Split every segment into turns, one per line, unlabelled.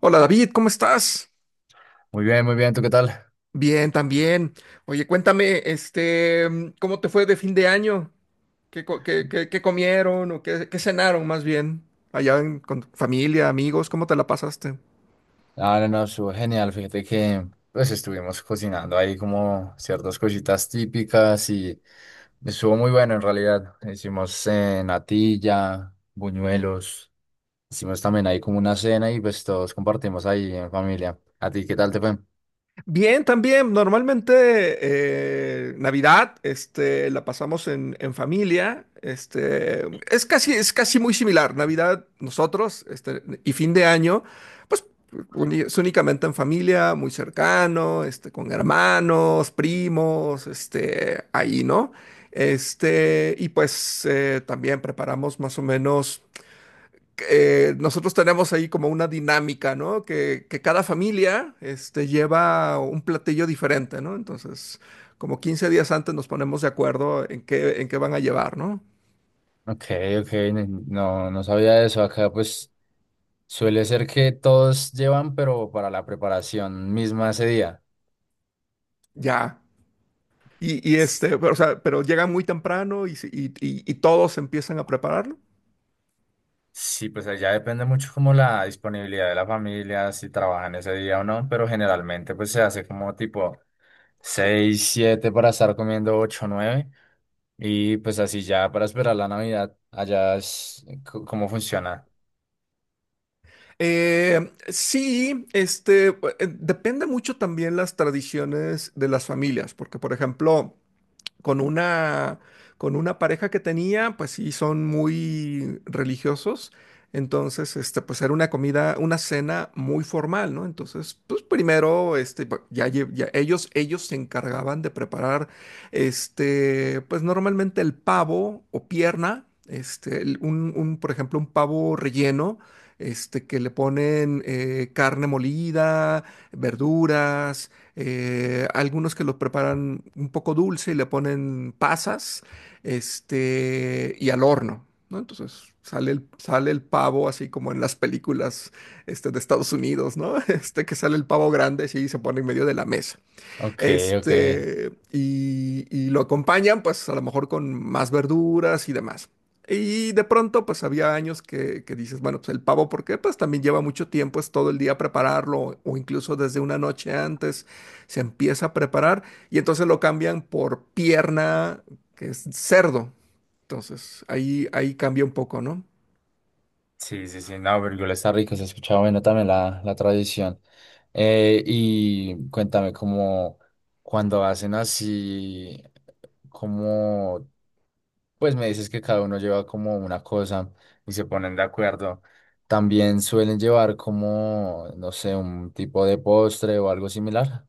Hola David, ¿cómo estás?
Muy bien, ¿tú qué tal?
Bien, también. Oye, cuéntame, ¿cómo te fue de fin de año? ¿Qué, qué comieron o qué cenaron más bien? Allá con tu familia, amigos, ¿cómo te la pasaste?
Ah, no, no, estuvo genial. Fíjate que pues estuvimos cocinando ahí como ciertas cositas típicas y estuvo muy bueno en realidad. Hicimos natilla, buñuelos, hicimos también ahí como una cena y pues todos compartimos ahí en familia. ¿A ti qué tal te fue?
Bien, también, normalmente Navidad, la pasamos en familia, es casi muy similar, Navidad nosotros, y fin de año, pues es únicamente en familia, muy cercano, con hermanos, primos, ahí, ¿no? Y pues también preparamos más o menos, nosotros tenemos ahí como una dinámica, ¿no? Que cada familia, lleva un platillo diferente, ¿no? Entonces, como 15 días antes nos ponemos de acuerdo en qué van a llevar, ¿no?
Ok, ok, no, no sabía eso. Acá pues suele ser que todos llevan, pero para la preparación misma ese día.
Ya. Y pero, o sea, pero llegan muy temprano y todos empiezan a prepararlo.
Sí, pues ahí ya depende mucho como la disponibilidad de la familia, si trabajan ese día o no, pero generalmente pues se hace como tipo 6 7 para estar comiendo 8 9 y pues así ya para esperar la Navidad, allá es cómo funciona.
Sí, depende mucho también las tradiciones de las familias, porque, por ejemplo, con una, con una pareja que tenía, pues sí, son muy religiosos. Entonces, pues era una comida, una cena muy formal, ¿no? Entonces, pues primero, ya ellos se encargaban de preparar, pues normalmente el pavo o pierna, por ejemplo, un pavo relleno, que le ponen, carne molida, verduras, algunos que lo preparan un poco dulce y le ponen pasas, y al horno, ¿no? Entonces sale el pavo así como en las películas, de Estados Unidos, ¿no? Que sale el pavo grande así, y se pone en medio de la mesa.
Ok, ok.
Y lo acompañan, pues a lo mejor con más verduras y demás. Y de pronto, pues había años que dices, bueno, pues el pavo, ¿por qué? Pues también lleva mucho tiempo, es todo el día prepararlo, o incluso desde una noche antes se empieza a preparar, y entonces lo cambian por pierna, que es cerdo. Entonces ahí cambia un poco, ¿no?
Sí, sí, sí, no, Virgul está rico, se ha escuchado bueno también la tradición. Y cuéntame como cuando hacen así, como. Pues me dices que cada uno lleva como una cosa y se ponen de acuerdo. También suelen llevar como, no sé, un tipo de postre o algo similar.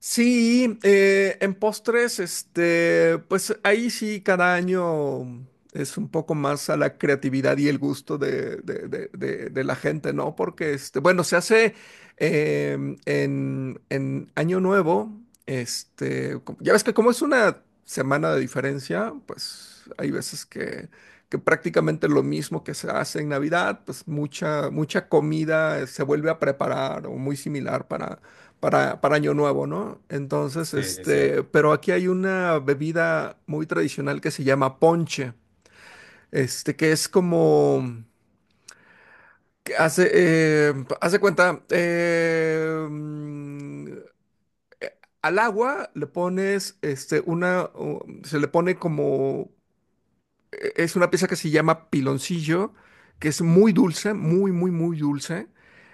Sí, en postres, pues ahí sí cada año es un poco más a la creatividad y el gusto de, de la gente, ¿no? Porque, bueno, se hace, en Año Nuevo, ya ves que como es una semana de diferencia, pues hay veces que prácticamente lo mismo que se hace en Navidad, pues mucha, mucha comida se vuelve a preparar o muy similar para Año Nuevo, ¿no? Entonces,
Sí, sí, sí.
pero aquí hay una bebida muy tradicional que se llama ponche, que es como, que hace, hace cuenta, al agua le pones, una, se le pone como, es una pieza que se llama Piloncillo, que es muy dulce, muy, muy, muy dulce.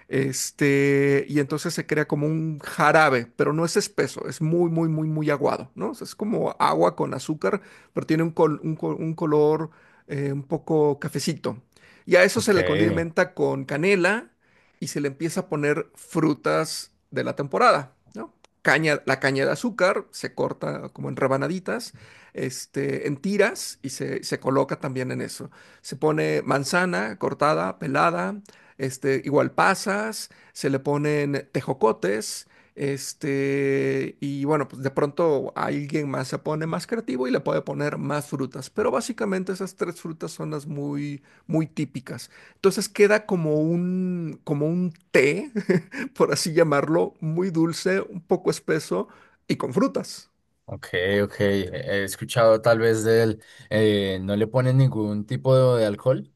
Y entonces se crea como un jarabe, pero no es espeso, es muy, muy, muy, muy aguado, ¿no? O sea, es como agua con azúcar, pero tiene un color, un poco cafecito. Y a eso se
Ok,
le condimenta con canela y se le empieza a poner frutas de la temporada, ¿no? Caña, la caña de azúcar se corta como en rebanaditas, en tiras y se coloca también en eso. Se pone manzana cortada, pelada, igual pasas, se le ponen tejocotes, y bueno, pues de pronto alguien más se pone más creativo y le puede poner más frutas, pero básicamente esas tres frutas son las muy, muy típicas. Entonces queda como un té, por así llamarlo, muy dulce, un poco espeso y con frutas.
ok, ok. He escuchado tal vez no le ponen ningún tipo de alcohol.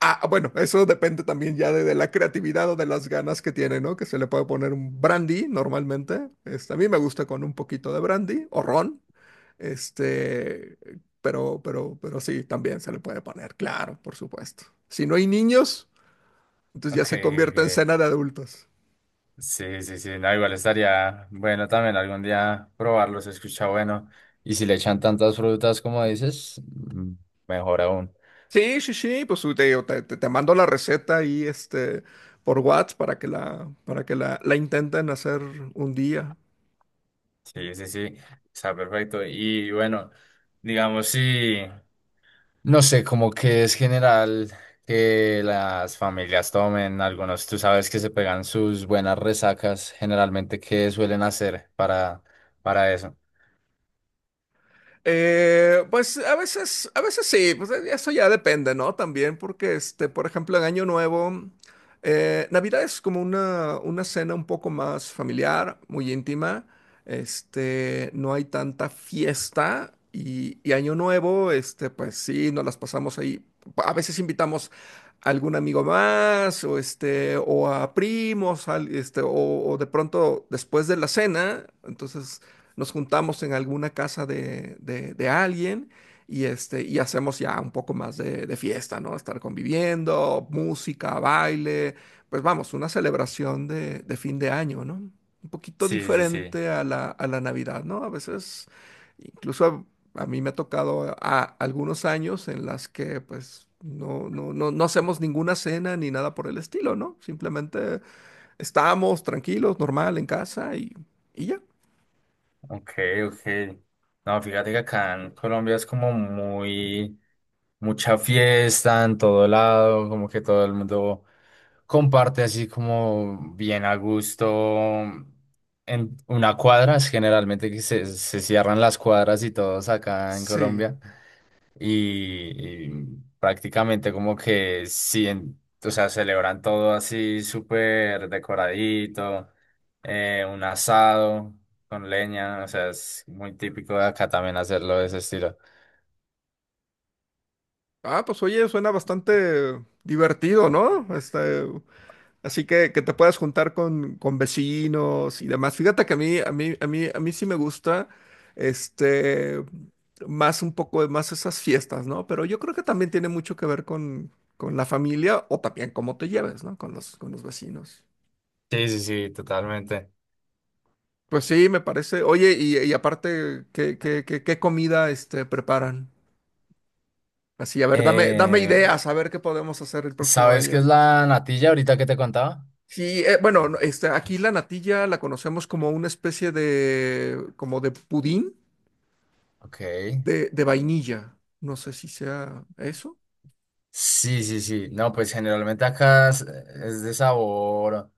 Ah, bueno, eso depende también ya de, la creatividad o de las ganas que tiene, ¿no? Que se le puede poner un brandy normalmente. A mí me gusta con un poquito de brandy o ron. Este, pero, sí, también se le puede poner, claro, por supuesto. Si no hay niños, entonces ya
Ok,
se
ok.
convierte en cena de adultos.
Sí, sí, sí. No, igual estaría bueno también algún día probarlo, se escucha bueno. Y si le echan tantas frutas como dices, mm, mejor aún.
Sí, sí, sí, pues te, digo, te, te mando la receta ahí, por WhatsApp para que la, para que la intenten hacer un día.
Sí, sí, sí, está perfecto. Y bueno, digamos, sí, no sé, como que es general que las familias tomen algunos, tú sabes que se pegan sus buenas resacas, generalmente, ¿qué suelen hacer para eso?
Pues a veces sí, pues eso ya depende, ¿no? También porque, por ejemplo, en Año Nuevo, Navidad es como una cena un poco más familiar, muy íntima, no hay tanta fiesta y Año Nuevo, pues sí, nos las pasamos ahí. A veces invitamos a algún amigo más o, o a primos, o de pronto después de la cena, entonces nos juntamos en alguna casa de, de alguien y hacemos ya un poco más de fiesta, ¿no? Estar conviviendo, música, baile, pues vamos, una celebración de fin de año, ¿no? Un poquito
Sí, sí, sí.
diferente a la Navidad, ¿no? A veces, incluso a mí me ha tocado, algunos años en las que pues... No, no, no, no hacemos ninguna cena ni nada por el estilo, ¿no? Simplemente estamos tranquilos, normal, en casa y ya.
Ok, ok. No, fíjate que acá en Colombia es como muy, mucha fiesta en todo lado, como que todo el mundo comparte así como bien a gusto en una cuadra, es generalmente que se cierran las cuadras y todos acá en
Sí.
Colombia y prácticamente como que sí, o sea, celebran todo así súper decoradito, un asado con leña, o sea, es muy típico de acá también hacerlo de ese estilo.
Ah, pues oye, suena bastante divertido, ¿no? Así que te puedas juntar con vecinos y demás. Fíjate que a mí sí me gusta, este, más, un poco más, esas fiestas, ¿no? Pero yo creo que también tiene mucho que ver con la familia o también cómo te lleves, ¿no? Con los vecinos.
Sí, sí, sí, totalmente.
Pues sí, me parece. Oye, y aparte, ¿qué comida, preparan? Así, a ver, dame
Eh,
ideas, a ver qué podemos hacer el próximo
¿Sabes qué es
año.
la natilla ahorita que te contaba?
Sí, bueno, no, aquí la natilla la conocemos como una especie de, como de pudín
Ok.
de vainilla. No sé si sea eso.
Sí, sí, sí. No, pues generalmente acá es de sabor,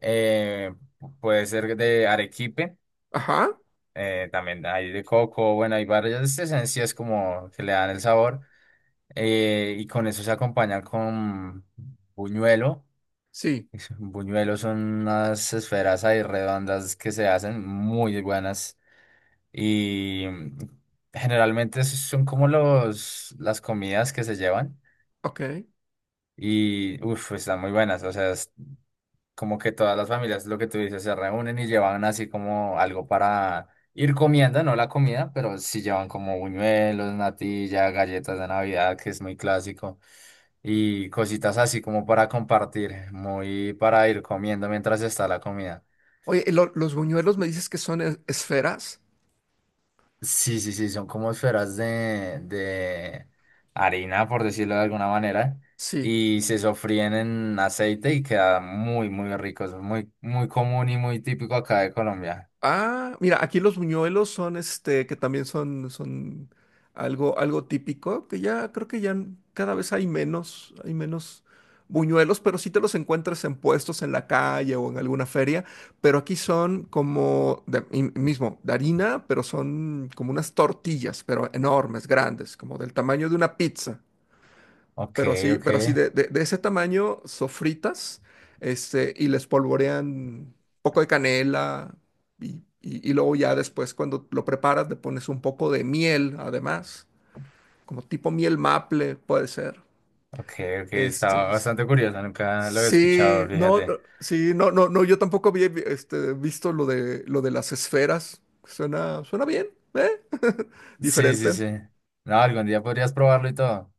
eh, puede ser de arequipe,
Ajá,
también hay de coco, bueno, hay varias esencias como que le dan el sabor, y con eso se acompaña con buñuelo.
sí,
Buñuelos son unas esferas ahí redondas que se hacen muy buenas y mm, generalmente esos son como las comidas que se llevan.
ok.
Y uff, están muy buenas. O sea, como que todas las familias, lo que tú dices, se reúnen y llevan así como algo para ir comiendo, no la comida, pero sí llevan como buñuelos, natilla, galletas de Navidad, que es muy clásico, y cositas así como para compartir, muy para ir comiendo mientras está la comida.
Oye, los buñuelos me dices que son esferas?
Sí, sí, sí, son como esferas de harina, por decirlo de alguna manera,
Sí.
y se sofríen en aceite y queda muy, muy rico, es muy, muy común y muy típico acá de Colombia.
Ah, mira, aquí los buñuelos son, que también son, son algo, algo típico, que ya creo que ya cada vez hay menos buñuelos, pero sí te los encuentras en puestos en la calle o en alguna feria, pero aquí son como de, y mismo, de harina, pero son como unas tortillas, pero enormes, grandes, como del tamaño de una pizza,
Ok, ok,
pero así de, de ese tamaño, sofritas, y les polvorean un poco de canela y, y luego ya después cuando lo preparas le pones un poco de miel, además, como tipo miel maple, puede ser.
ok, ok,
Este,
estaba
es-
bastante curiosa, nunca lo había escuchado,
sí, no,
fíjate.
no, sí, no, no, no, yo tampoco había, visto lo de las esferas. Suena bien, ¿eh?
Sí, sí,
Diferente.
sí. No, algún día podrías probarlo y todo.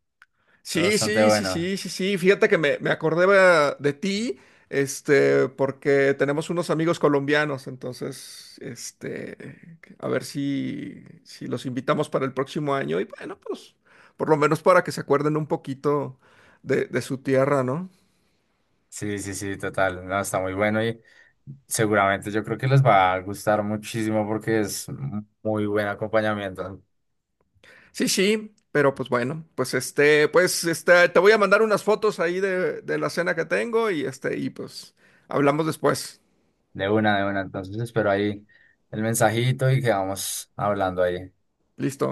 Está
Sí,
bastante
sí, sí,
bueno.
sí, sí, sí. Fíjate que me acordé, de ti, porque tenemos unos amigos colombianos, entonces, a ver si los invitamos para el próximo año y bueno, pues, por lo menos para que se acuerden un poquito de su tierra, ¿no?
Sí, sí, sí, total. No, está muy bueno y seguramente yo creo que les va a gustar muchísimo porque es muy buen acompañamiento.
Sí, sí, pero pues bueno, pues pues te voy a mandar unas fotos ahí de la cena que tengo y pues hablamos después.
De una, de una. Entonces espero ahí el mensajito y quedamos hablando ahí.
Listo.